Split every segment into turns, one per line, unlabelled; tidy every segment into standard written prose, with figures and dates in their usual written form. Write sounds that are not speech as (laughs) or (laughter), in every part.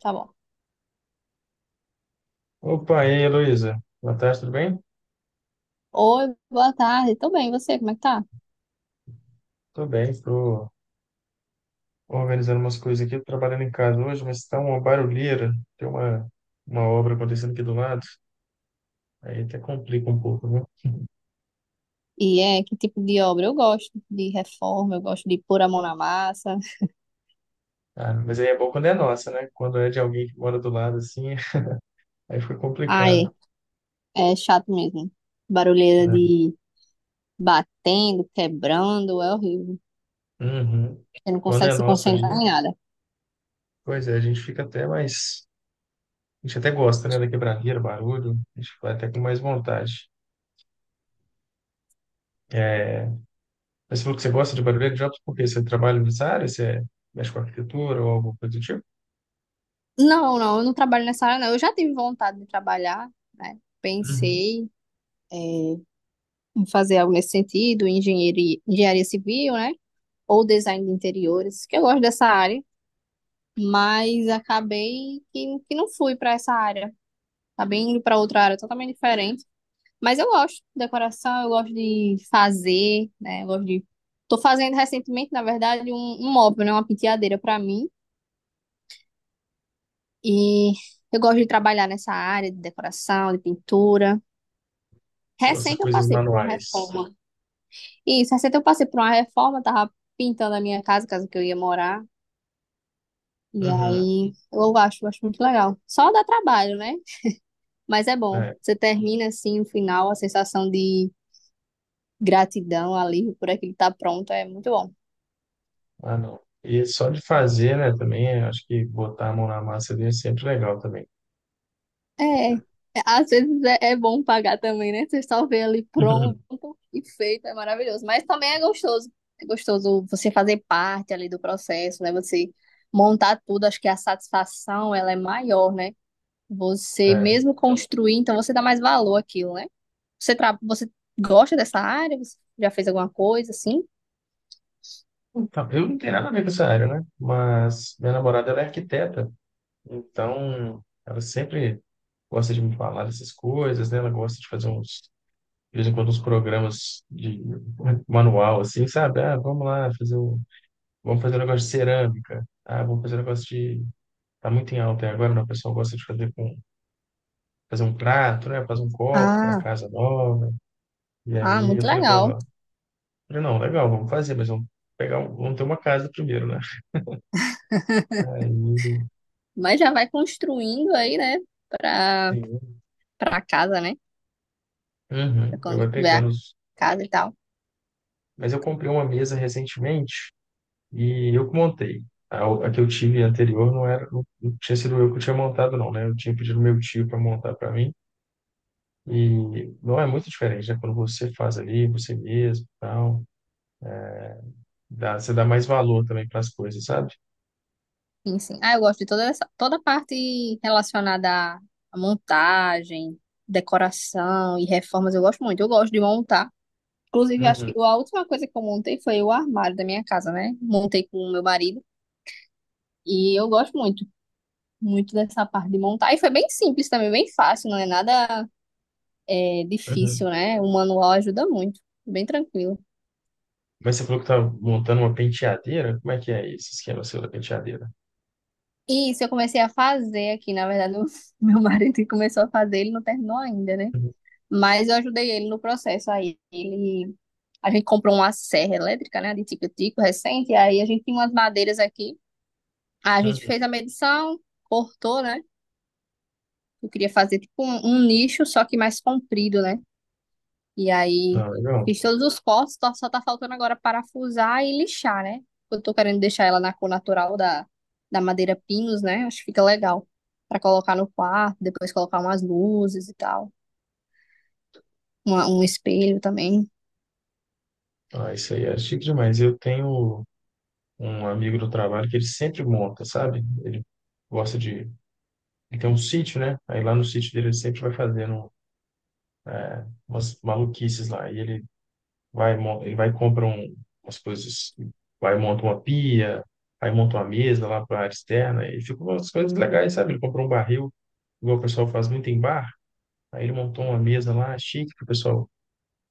Tá bom.
Opa, e aí, Heloísa? Boa tarde, tudo bem?
Oi, boa tarde. Tô bem, e você, como é que tá?
Tô bem, tô organizando umas coisas aqui, tô trabalhando em casa hoje, mas tá uma barulheira, tem uma obra acontecendo aqui do lado, aí até complica um pouco, né?
E é, que tipo de obra? Eu gosto de reforma, eu gosto de pôr a mão na massa.
Ah, mas aí é bom quando é nossa, né? Quando é de alguém que mora do lado, assim, (laughs) aí fica
Ai,
complicado,
é chato mesmo. Barulheira
né?
de batendo, quebrando, é horrível.
Uhum.
Você não
Quando
consegue
é
se
nossa ali,
concentrar em nada.
pois é, a gente fica até mais. A gente até gosta, né, da quebradeira, barulho, a gente vai até com mais vontade. É. Mas você falou que você gosta de barulho de jobs porque você trabalha nessa área, você mexe com arquitetura ou alguma coisa do tipo?
Não, não, eu não trabalho nessa área, não. Eu já tive vontade de trabalhar, né?
Uhum.
Pensei, é, em fazer algo nesse sentido, engenharia civil, né? Ou design de interiores, que eu gosto dessa área. Mas acabei que não fui para essa área. Acabei indo para outra área totalmente diferente. Mas eu gosto de decoração, eu gosto de fazer, né? Eu gosto de. Tô fazendo recentemente, na verdade, um móvel, né? Uma penteadeira para mim. E eu gosto de trabalhar nessa área de decoração, de pintura.
Você gosta de
Recente eu
coisas
passei por uma
manuais,
reforma. Isso, recente eu passei por uma reforma, tava pintando a minha casa, casa que eu ia morar. E
uhum,
aí eu acho muito legal. Só dá trabalho, né? Mas é bom.
né?
Você termina assim o final, a sensação de gratidão, alívio por aquilo que tá pronto, é muito bom.
Ah, não. E só de fazer, né, também, eu acho que botar a mão na massa ali é sempre legal também.
É, é, Às vezes é bom pagar também, né? Você só vê ali pronto
Uhum.
e feito, é maravilhoso. Mas também é gostoso. É gostoso você fazer parte ali do processo, né? Você montar tudo, acho que a satisfação ela é maior, né? Você
É.
mesmo construir, então você dá mais valor àquilo, né? Você gosta dessa área? Você já fez alguma coisa assim?
Então, eu não tenho nada a ver com essa área, né? Mas minha namorada, ela é arquiteta, então ela sempre gosta de me falar dessas coisas, né? Ela gosta de fazer uns, de vez em quando, uns programas de manual, assim, sabe? Ah, vamos lá fazer um. Vamos fazer um negócio de cerâmica. Ah, vamos fazer um negócio de. Tá muito em alta aí agora, né? O pessoal gosta de fazer com fazer um prato, né? Fazer um copo para
Ah,
casa nova. E
ah,
aí eu
muito
falei para ela,
legal.
eu falei, não, legal, vamos fazer, mas vamos pegar, vamos ter uma casa primeiro, né? Aí,
Mas já vai construindo aí, né? Pra,
sim.
pra casa, né? Pra
Uhum, eu
quando
vai
tiver a
pegando os.
casa e tal.
Mas eu comprei uma mesa recentemente e eu que montei. A que eu tive anterior não era, não tinha sido eu que tinha montado, não, né? Eu tinha pedido meu tio para montar para mim. E não é muito diferente, né? Quando você faz ali, você mesmo, tal, dá, você dá mais valor também para as coisas, sabe?
Enfim. Ah, eu gosto de toda essa, toda a parte relacionada à montagem, decoração e reformas. Eu gosto muito. Eu gosto de montar. Inclusive, acho que
Uhum,
a última coisa que eu montei foi o armário da minha casa, né? Montei com o meu marido. E eu gosto muito, muito dessa parte de montar. E foi bem simples também, bem fácil, não é nada difícil,
uhum.
né? O manual ajuda muito. Bem tranquilo.
Mas você falou que tá montando uma penteadeira? Como é que é esse esquema seu da penteadeira?
E isso, eu comecei a fazer aqui, na verdade, o (laughs) meu marido que começou a fazer, ele não terminou ainda, né?
Uhum,
Mas eu ajudei ele no processo aí. A gente comprou uma serra elétrica, né, de tico-tico recente, aí a gente tinha umas madeiras aqui. Aí a gente fez a
uhum.
medição, cortou, né? Eu queria fazer tipo um nicho, só que mais comprido, né? E aí
Ah, legal.
fiz todos os cortes, só tá faltando agora parafusar e lixar, né? Eu tô querendo deixar ela na cor natural da madeira pinus, né? Acho que fica legal pra colocar no quarto, depois colocar umas luzes e tal, um espelho também.
Ah, isso aí é chique demais. Eu tenho um amigo do trabalho que ele sempre monta, sabe? Ele gosta de. Ele tem um sítio, né? Aí lá no sítio dele ele sempre vai fazendo umas maluquices lá. E ele vai e compra umas coisas, vai monta uma pia, aí monta uma mesa lá para a área externa, e ficam umas coisas legais, sabe? Ele comprou um barril, igual o pessoal faz muito em bar, aí ele montou uma mesa lá, chique, que o pessoal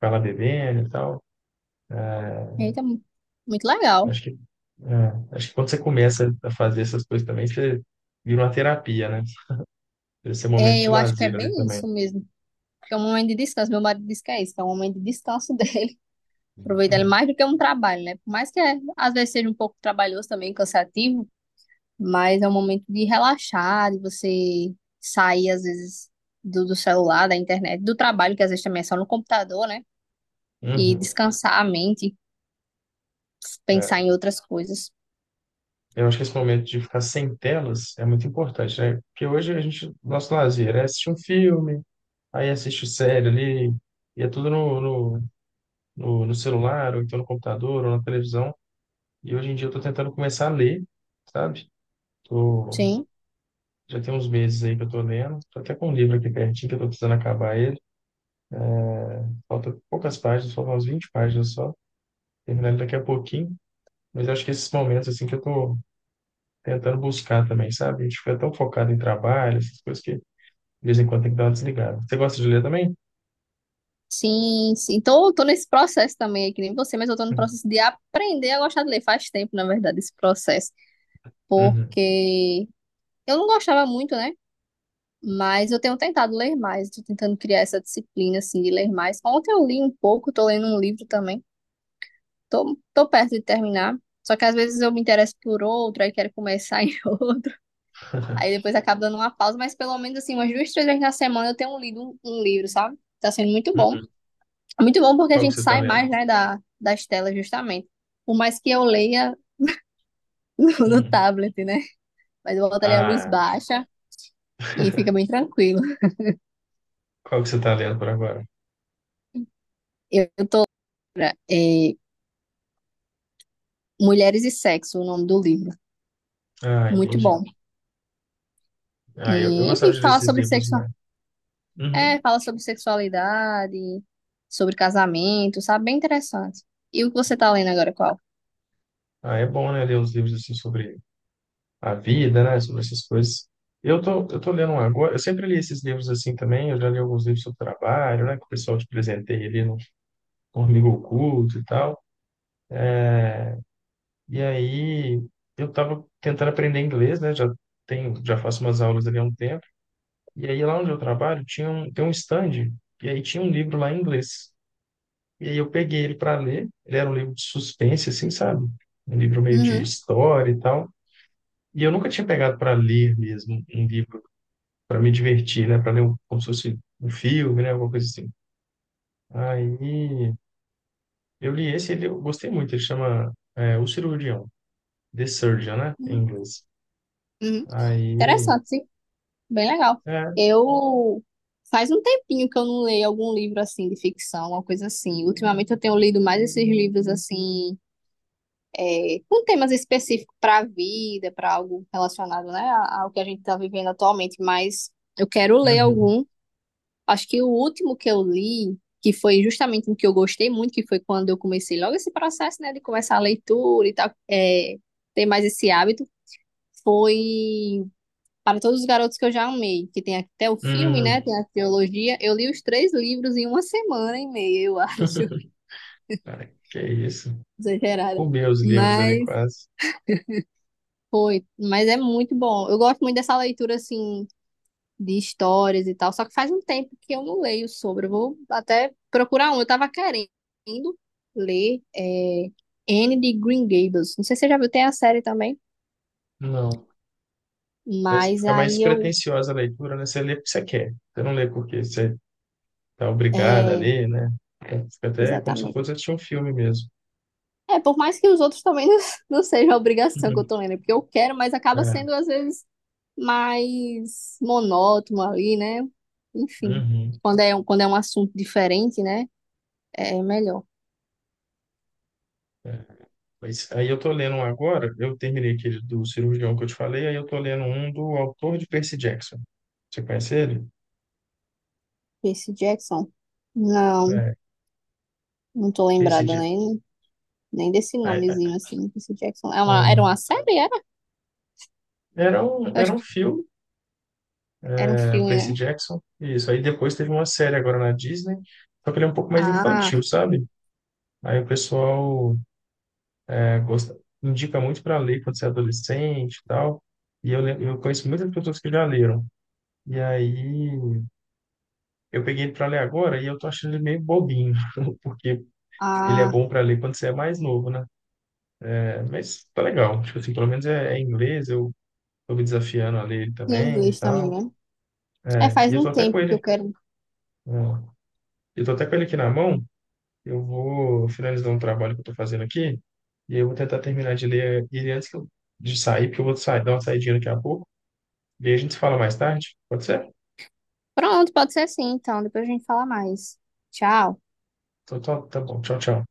vai lá bebendo e tal.
Eita, muito legal.
Acho que, acho que quando você começa a fazer essas coisas também, você vira uma terapia, né? Esse é um momento
É,
de
eu acho que é
lazer ali
bem
também.
isso mesmo. Que é um momento de descanso. Meu marido diz que é isso, que é um momento de descanso (laughs) dele. Aproveitar ele mais do que um trabalho, né? Por mais que às vezes seja um pouco trabalhoso também, cansativo, mas é um momento de relaxar, de você sair, às vezes, do celular, da internet, do trabalho, que às vezes também é só no computador, né? E
Uhum,
descansar a mente, pensar
é.
em outras coisas.
Eu acho que esse momento de ficar sem telas é muito importante, né? Porque hoje a gente, nosso lazer é assistir um filme, aí assiste série ali, e é tudo no, no celular, ou então no computador, ou na televisão. E hoje em dia eu tô tentando começar a ler, sabe? Tô,
Sim,
Já tem uns meses aí que eu tô lendo. Tô até com um livro aqui pertinho que eu tô precisando acabar ele. Falta poucas páginas, faltam umas 20 páginas só. Terminar ele daqui a pouquinho. Mas eu acho que esses momentos, assim, que eu tô tentando buscar também, sabe? A gente fica tão focado em trabalho, essas coisas que de vez em quando tem que dar uma desligada. Você gosta de ler também?
sim, sim. Tô nesse processo também, é que nem você, mas eu tô no
Uhum.
processo de aprender a gostar de ler. Faz tempo, na verdade, esse processo,
Uhum.
porque eu não gostava muito, né? Mas eu tenho tentado ler mais, tô tentando criar essa disciplina, assim, de ler mais. Ontem eu li um pouco, tô lendo um livro também. Tô perto de terminar. Só que às vezes eu me interesso por outro, aí quero começar em (laughs) outro. Aí
(laughs)
depois acabo dando uma pausa, mas pelo menos assim, umas duas, três vezes na semana eu tenho lido um livro, sabe? Tá sendo muito bom.
Uhum.
Muito bom porque a
Qual que
gente
você tá
sai
lendo?
mais, né, das telas, justamente. Por mais que eu leia (laughs) no
Uhum.
tablet, né? Mas eu boto ali a luz
Ah,
baixa e fica bem tranquilo.
qual que você está lendo por agora?
Eu, é, Mulheres e Sexo, o nome do livro.
Ah,
Muito
entendi.
bom.
Ah, eu
E,
gostava
enfim,
de ler
fala
esses
sobre
livros,
sexo.
mas... Uhum.
É, fala sobre sexualidade, sobre casamento, sabe? Bem interessante. E o que você tá lendo agora, qual?
Ah, é bom, né, ler uns livros assim sobre a vida, né, sobre essas coisas. Eu tô lendo um agora, eu sempre li esses livros assim também, eu já li alguns livros sobre trabalho, né, que o pessoal te presenteia ali no Amigo Oculto e tal. E aí, eu tava tentando aprender inglês, né, já tenho, já faço umas aulas ali há um tempo. E aí, lá onde eu trabalho, tem um stand, e aí tinha um livro lá em inglês. E aí eu peguei ele para ler. Ele era um livro de suspense, assim, sabe? Um livro meio de
Uhum.
história e tal. E eu nunca tinha pegado para ler mesmo um livro para me divertir, né? Para ler um- como se fosse um filme, né? Alguma coisa assim. Aí eu li esse, ele eu gostei muito. Ele chama é, O Cirurgião, The Surgeon, né? Em inglês.
Uhum.
Aí,
Interessante, sim. Bem legal.
é,
Eu Faz um tempinho que eu não leio algum livro assim de ficção, uma coisa assim. Ultimamente eu tenho lido mais esses livros assim, com temas específicos para a vida, para algo relacionado, né, ao que a gente está vivendo atualmente, mas eu quero ler
uhum,
algum. Acho que o último que eu li, que foi justamente um que eu gostei muito, que foi quando eu comecei logo esse processo, né, de começar a leitura e tal, ter mais esse hábito, foi Para Todos os Garotos que eu já amei, que tem até o filme, né,
uhum.
tem a trilogia. Eu li os três livros em uma semana e meia, eu (laughs) acho,
(laughs) Cara, que isso?
exagerada.
Comeu os livros ali
Mas
quase.
mas é muito bom. Eu gosto muito dessa leitura, assim, de histórias e tal. Só que faz um tempo que eu não leio sobre. Eu vou até procurar um. Eu tava querendo ler Anne de Green Gables. Não sei se você já viu, tem a série também.
Não. Mas
Mas
fica mais
aí eu.
pretensiosa a leitura, né? Você lê porque você quer. Você não lê porque você tá obrigado a
É,
ler, né? Então, fica até como se
exatamente.
fosse assistir um filme mesmo.
É, por mais que os outros também não, (laughs) não seja a obrigação que eu
Uhum.
tô lendo, é porque eu quero, mas acaba
É,
sendo às vezes mais monótono ali, né? Enfim,
uhum,
quando é um assunto diferente, né? É melhor.
é. Mas aí eu tô lendo um agora, eu terminei aquele do cirurgião que eu te falei, aí eu tô lendo um do autor de Percy Jackson. Você conhece ele?
Percy Jackson. Não,
É,
não tô
Percy
lembrada, né?
Jackson.
Nem desse nomezinho assim, Percy Jackson. Era uma série, era?
Era um,
Eu
era
acho
um
que
filme,
era um
né,
filme,
Percy
né?
Jackson. Isso. Aí depois teve uma série agora na Disney, só que ele é um pouco mais infantil,
Ah,
sabe? Aí o pessoal gosta, indica muito para ler quando você é adolescente e tal. E eu conheço muitas pessoas que já leram. E aí eu peguei ele para ler agora e eu tô achando ele meio bobinho, (laughs) porque ele é
ah,
bom para ler quando você é mais novo, né? É, mas tá legal. Tipo assim, pelo menos é, é em inglês, eu tô me desafiando a ler ele
em
também e
inglês também,
tal.
né? É,
É, e
faz
eu
um
tô até com
tempo que eu
ele.
quero.
Ó, eu tô até com ele aqui na mão. Eu vou finalizar um trabalho que eu tô fazendo aqui. E eu vou tentar terminar de ler ele antes de sair, porque eu vou sair, dar uma saidinha daqui a pouco. E aí a gente se fala mais tarde, pode ser?
Pronto, pode ser assim, então. Depois a gente fala mais. Tchau.
Então, tá, tá bom. Tchau, tchau.